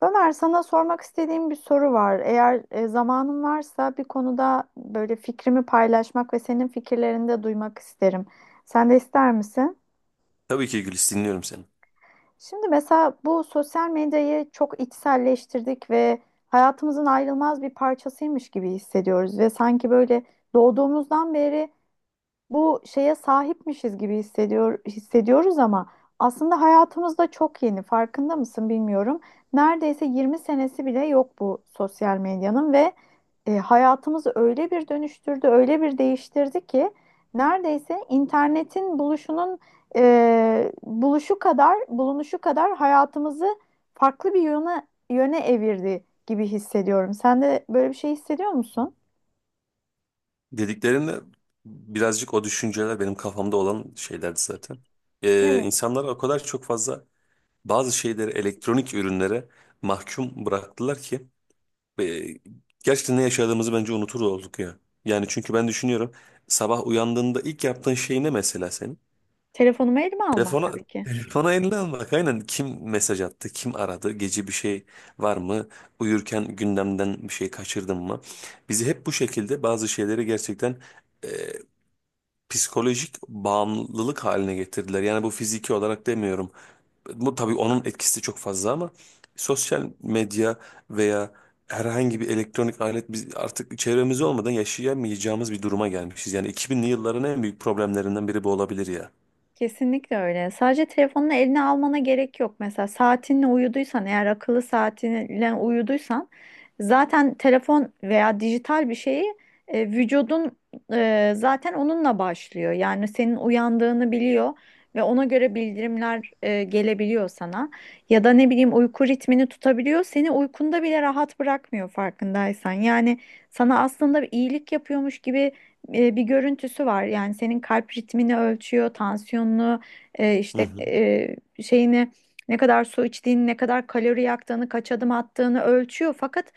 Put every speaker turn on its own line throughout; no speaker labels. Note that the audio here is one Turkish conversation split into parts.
Ömer, sana sormak istediğim bir soru var. Eğer zamanın varsa bir konuda böyle fikrimi paylaşmak ve senin fikirlerini de duymak isterim. Sen de ister misin?
Tabii ki Gülis dinliyorum seni.
Şimdi mesela bu sosyal medyayı çok içselleştirdik ve hayatımızın ayrılmaz bir parçasıymış gibi hissediyoruz ve sanki böyle doğduğumuzdan beri bu şeye sahipmişiz gibi hissediyoruz ama aslında hayatımızda çok yeni. Farkında mısın bilmiyorum. Neredeyse 20 senesi bile yok bu sosyal medyanın ve hayatımızı öyle bir dönüştürdü, öyle bir değiştirdi ki neredeyse internetin buluşunun e, buluşu kadar, bulunuşu kadar hayatımızı farklı bir yöne evirdi gibi hissediyorum. Sen de böyle bir şey hissediyor musun?
Dediklerinde birazcık o düşünceler benim kafamda olan şeylerdi zaten.
Evet.
İnsanlar o kadar çok fazla bazı şeyleri elektronik ürünlere mahkum bıraktılar ki e, gerçekten ne yaşadığımızı bence unutur olduk ya. Yani çünkü ben düşünüyorum, sabah uyandığında ilk yaptığın şey ne mesela senin?
Telefonumu elime almak
Telefona
tabii ki.
telefona eline almak, aynen. Kim mesaj attı, kim aradı, gece bir şey var mı, uyurken gündemden bir şey kaçırdın mı, bizi hep bu şekilde bazı şeyleri gerçekten e, psikolojik bağımlılık haline getirdiler. Yani bu fiziki olarak demiyorum, bu tabii onun etkisi çok fazla, ama sosyal medya veya herhangi bir elektronik alet, biz artık çevremiz olmadan yaşayamayacağımız bir duruma gelmişiz. Yani 2000'li yılların en büyük problemlerinden biri bu olabilir ya.
Kesinlikle öyle. Sadece telefonunu eline almana gerek yok. Mesela saatinle uyuduysan, eğer akıllı saatinle uyuduysan zaten telefon veya dijital bir şeyi vücudun zaten onunla başlıyor. Yani senin uyandığını biliyor ve ona göre bildirimler gelebiliyor sana. Ya da ne bileyim uyku ritmini tutabiliyor. Seni uykunda bile rahat bırakmıyor farkındaysan. Yani sana aslında bir iyilik yapıyormuş gibi bir görüntüsü var. Yani senin kalp ritmini ölçüyor, tansiyonunu, e,
Hı
işte
hı.
e, şeyini ne kadar su içtiğini, ne kadar kalori yaktığını, kaç adım attığını ölçüyor. Fakat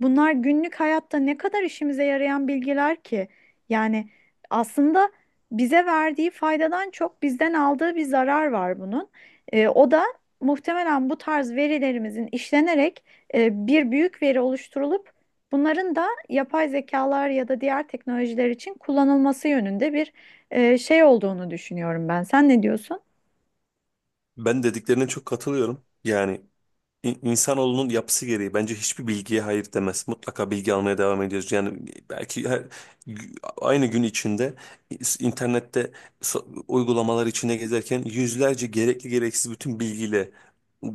bunlar günlük hayatta ne kadar işimize yarayan bilgiler ki? Yani aslında bize verdiği faydadan çok bizden aldığı bir zarar var bunun. O da muhtemelen bu tarz verilerimizin işlenerek bir büyük veri oluşturulup bunların da yapay zekalar ya da diğer teknolojiler için kullanılması yönünde bir şey olduğunu düşünüyorum ben. Sen ne diyorsun?
Ben dediklerine çok katılıyorum. Yani İnsanoğlunun yapısı gereği bence hiçbir bilgiye hayır demez. Mutlaka bilgi almaya devam ediyoruz. Yani belki gü- aynı gün içinde internette uygulamalar içinde gezerken yüzlerce gerekli gereksiz bütün bilgiyle e,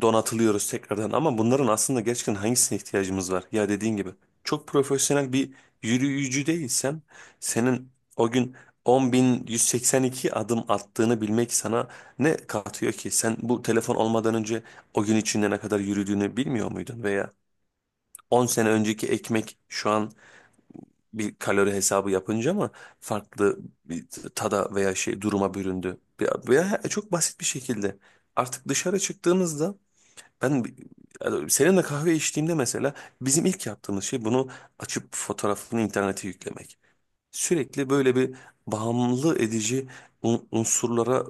donatılıyoruz tekrardan. Ama bunların aslında gerçekten hangisine ihtiyacımız var? Ya dediğin gibi çok profesyonel bir yürüyücü değilsen senin o gün 10.182 adım attığını bilmek sana ne katıyor ki? Sen bu telefon olmadan önce o gün içinde ne kadar yürüdüğünü bilmiyor muydun? Veya 10 sene önceki ekmek şu an bir kalori hesabı yapınca mı farklı bir tada veya şey duruma büründü? Veya çok basit bir şekilde artık dışarı çıktığınızda, ben yani seninle kahve içtiğimde mesela bizim ilk yaptığımız şey bunu açıp fotoğrafını internete yüklemek. Sürekli böyle bir bağımlı edici unsurlara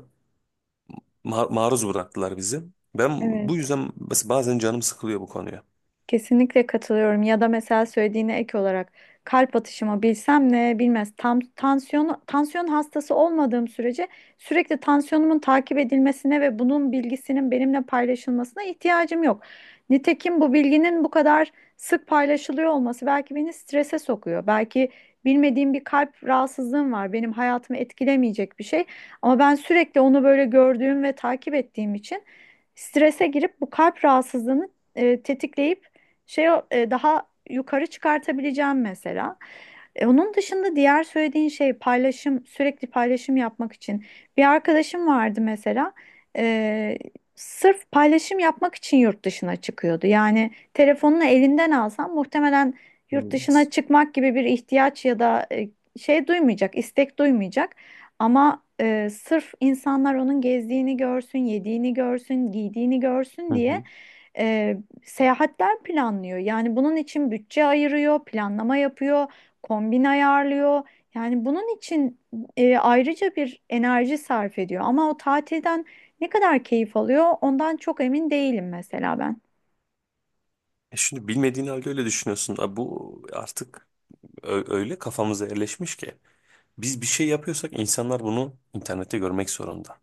maruz bıraktılar bizi. Ben bu
Evet.
yüzden bazen canım sıkılıyor bu konuya.
Kesinlikle katılıyorum. Ya da mesela söylediğine ek olarak kalp atışımı bilsem ne bilmez. Tam tansiyon hastası olmadığım sürece sürekli tansiyonumun takip edilmesine ve bunun bilgisinin benimle paylaşılmasına ihtiyacım yok. Nitekim bu bilginin bu kadar sık paylaşılıyor olması belki beni strese sokuyor. Belki bilmediğim bir kalp rahatsızlığım var. Benim hayatımı etkilemeyecek bir şey ama ben sürekli onu böyle gördüğüm ve takip ettiğim için strese girip bu kalp rahatsızlığını tetikleyip daha yukarı çıkartabileceğim mesela. Onun dışında diğer söylediğin şey paylaşım, sürekli paylaşım yapmak için. Bir arkadaşım vardı mesela. e, Sırf paylaşım yapmak için yurt dışına çıkıyordu. Yani telefonunu elinden alsam muhtemelen yurt
Hmm.
dışına çıkmak gibi bir ihtiyaç ya da şey duymayacak, istek duymayacak. Ama sırf insanlar onun gezdiğini görsün, yediğini görsün, giydiğini görsün
Hı
diye
hı.
e, seyahatler planlıyor. Yani bunun için bütçe ayırıyor, planlama yapıyor, kombin ayarlıyor. Yani bunun için ayrıca bir enerji sarf ediyor. Ama o tatilden ne kadar keyif alıyor, ondan çok emin değilim mesela ben.
E, şimdi bilmediğin halde öyle düşünüyorsun. Abi bu artık öyle kafamıza yerleşmiş ki. Biz bir şey yapıyorsak insanlar bunu internette görmek zorunda.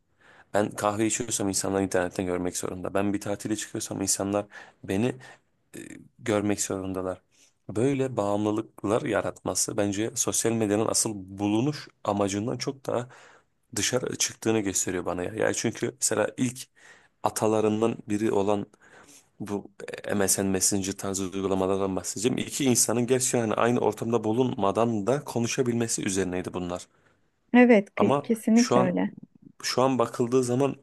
Ben kahve içiyorsam insanlar internetten görmek zorunda. Ben bir tatile çıkıyorsam insanlar beni e, görmek zorundalar. Böyle bağımlılıklar yaratması bence sosyal medyanın asıl bulunuş amacından çok daha dışarı çıktığını gösteriyor bana ya. Yani çünkü mesela ilk atalarından biri olan bu MSN Messenger tarzı uygulamalardan bahsedeceğim. İki insanın gerçi yani aynı ortamda bulunmadan da konuşabilmesi üzerineydi bunlar.
Evet,
Ama şu
kesinlikle
an
öyle.
şu an bakıldığı zaman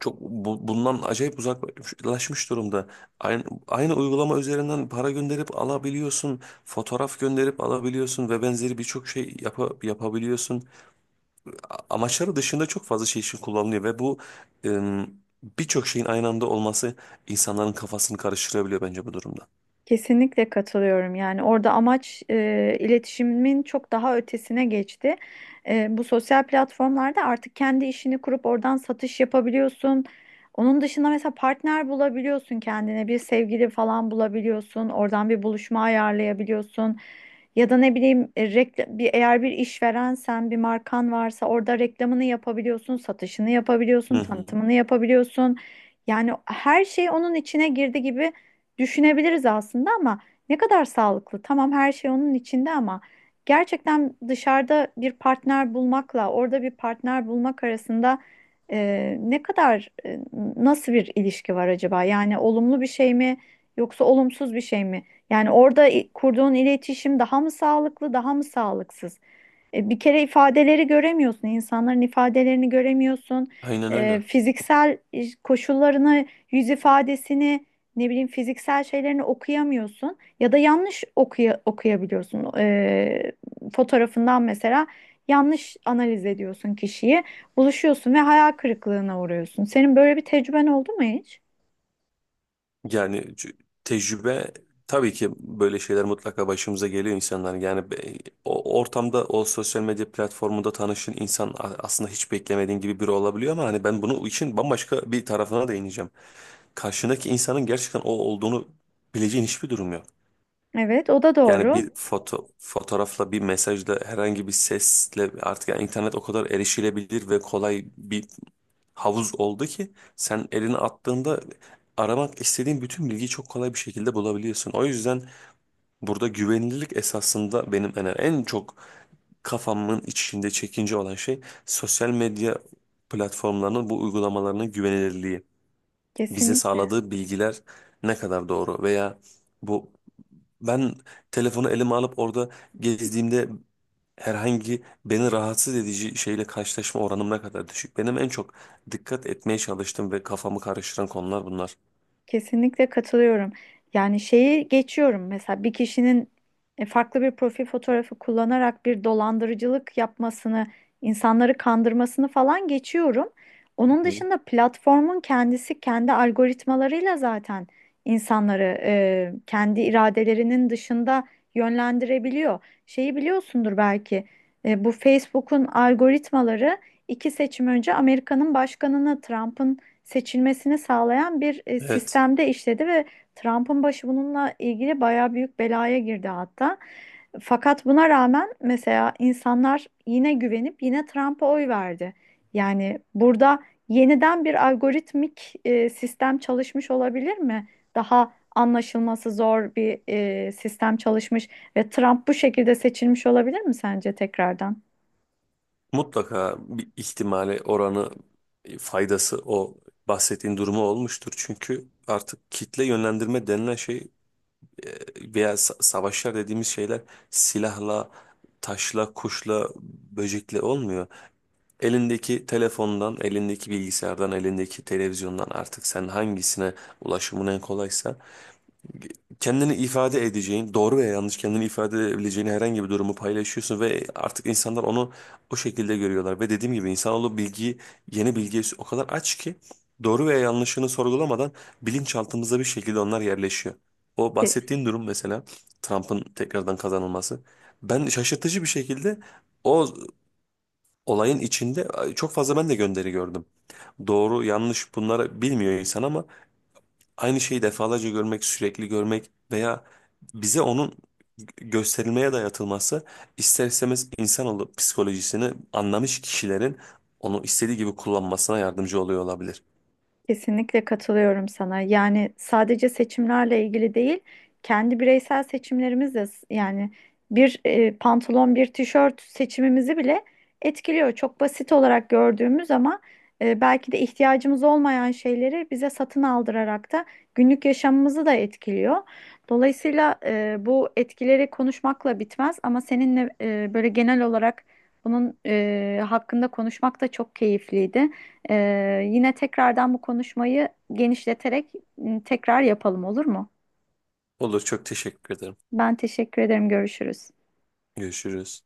çok bundan acayip uzaklaşmış durumda. Aynı uygulama üzerinden para gönderip alabiliyorsun, fotoğraf gönderip alabiliyorsun ve benzeri birçok şey yapabiliyorsun. Amaçları dışında çok fazla şey için kullanılıyor ve bu em, birçok şeyin aynı anda olması insanların kafasını karıştırabiliyor bence bu durumda.
Kesinlikle katılıyorum. Yani orada amaç iletişimin çok daha ötesine geçti. Bu sosyal platformlarda artık kendi işini kurup oradan satış yapabiliyorsun. Onun dışında mesela partner bulabiliyorsun kendine, bir sevgili falan bulabiliyorsun. Oradan bir buluşma ayarlayabiliyorsun. Ya da ne bileyim eğer bir işverensen, bir markan varsa orada reklamını yapabiliyorsun, satışını
Hı
yapabiliyorsun,
hı.
tanıtımını yapabiliyorsun. Yani her şey onun içine girdi gibi düşünebiliriz aslında ama ne kadar sağlıklı? Tamam her şey onun içinde ama gerçekten dışarıda bir partner bulmakla orada bir partner bulmak arasında e, ne kadar e, nasıl bir ilişki var acaba? Yani olumlu bir şey mi yoksa olumsuz bir şey mi? Yani orada kurduğun iletişim daha mı sağlıklı, daha mı sağlıksız? Bir kere ifadeleri göremiyorsun, insanların ifadelerini göremiyorsun.
Aynen öyle.
Fiziksel koşullarını, yüz ifadesini, ne bileyim fiziksel şeylerini okuyamıyorsun ya da yanlış okuyabiliyorsun. Fotoğrafından mesela yanlış analiz ediyorsun kişiyi, buluşuyorsun ve hayal kırıklığına uğruyorsun. Senin böyle bir tecrüben oldu mu hiç?
Yani tecrübe, tabii ki böyle şeyler mutlaka başımıza geliyor insanlar. Yani o ortamda, o sosyal medya platformunda tanışın insan aslında hiç beklemediğin gibi biri olabiliyor, ama hani ben bunu için bambaşka bir tarafına değineceğim. Karşındaki insanın gerçekten o olduğunu bileceğin hiçbir durum yok.
Evet, o da
Yani
doğru.
bir fotoğrafla, bir mesajla, herhangi bir sesle, artık yani internet o kadar erişilebilir ve kolay bir havuz oldu ki sen elini attığında aramak istediğin bütün bilgiyi çok kolay bir şekilde bulabiliyorsun. O yüzden burada güvenilirlik esasında benim en çok kafamın içinde çekince olan şey, sosyal medya platformlarının bu uygulamalarının güvenilirliği. Bize
Kesinlikle.
sağladığı bilgiler ne kadar doğru, veya bu ben telefonu elime alıp orada gezdiğimde herhangi beni rahatsız edici şeyle karşılaşma oranım ne kadar düşük. Benim en çok dikkat etmeye çalıştığım ve kafamı karıştıran konular bunlar.
Kesinlikle katılıyorum. Yani şeyi geçiyorum mesela bir kişinin farklı bir profil fotoğrafı kullanarak bir dolandırıcılık yapmasını, insanları kandırmasını falan geçiyorum. Onun
Hı.
dışında platformun kendisi kendi algoritmalarıyla zaten insanları kendi iradelerinin dışında yönlendirebiliyor. Şeyi biliyorsundur belki bu Facebook'un algoritmaları iki seçim önce Amerika'nın başkanını Trump'ın seçilmesini sağlayan bir
Evet,
sistemde işledi ve Trump'ın başı bununla ilgili bayağı büyük belaya girdi hatta. Fakat buna rağmen mesela insanlar yine güvenip yine Trump'a oy verdi. Yani burada yeniden bir algoritmik sistem çalışmış olabilir mi? Daha anlaşılması zor bir sistem çalışmış ve Trump bu şekilde seçilmiş olabilir mi sence tekrardan?
mutlaka bir ihtimale oranı faydası o bahsettiğin durumu olmuştur. Çünkü artık kitle yönlendirme denilen şey veya savaşlar dediğimiz şeyler silahla, taşla, kuşla, böcekle olmuyor. Elindeki telefondan, elindeki bilgisayardan, elindeki televizyondan, artık sen hangisine ulaşımın en kolaysa kendini ifade edeceğin, doğru veya yanlış kendini ifade edebileceğin herhangi bir durumu paylaşıyorsun ve artık insanlar onu o şekilde görüyorlar. Ve dediğim gibi insanoğlu bilgiyi, yeni bilgiye o kadar aç ki doğru veya yanlışını sorgulamadan bilinçaltımıza bir şekilde onlar yerleşiyor. O
Te-
bahsettiğim durum mesela Trump'ın tekrardan kazanılması. Ben şaşırtıcı bir şekilde o olayın içinde çok fazla ben de gönderi gördüm. Doğru yanlış bunları bilmiyor insan, ama aynı şeyi defalarca görmek, sürekli görmek veya bize onun gösterilmeye dayatılması ister istemez insanoğlu psikolojisini anlamış kişilerin onu istediği gibi kullanmasına yardımcı oluyor olabilir.
Kesinlikle katılıyorum sana. Yani sadece seçimlerle ilgili değil, kendi bireysel seçimlerimiz de, yani bir pantolon, bir tişört seçimimizi bile etkiliyor. Çok basit olarak gördüğümüz ama belki de ihtiyacımız olmayan şeyleri bize satın aldırarak da günlük yaşamımızı da etkiliyor. Dolayısıyla bu etkileri konuşmakla bitmez ama seninle böyle genel olarak bunun hakkında konuşmak da çok keyifliydi. Yine tekrardan bu konuşmayı genişleterek tekrar yapalım olur mu?
Olur, çok teşekkür ederim.
Ben teşekkür ederim. Görüşürüz.
Görüşürüz.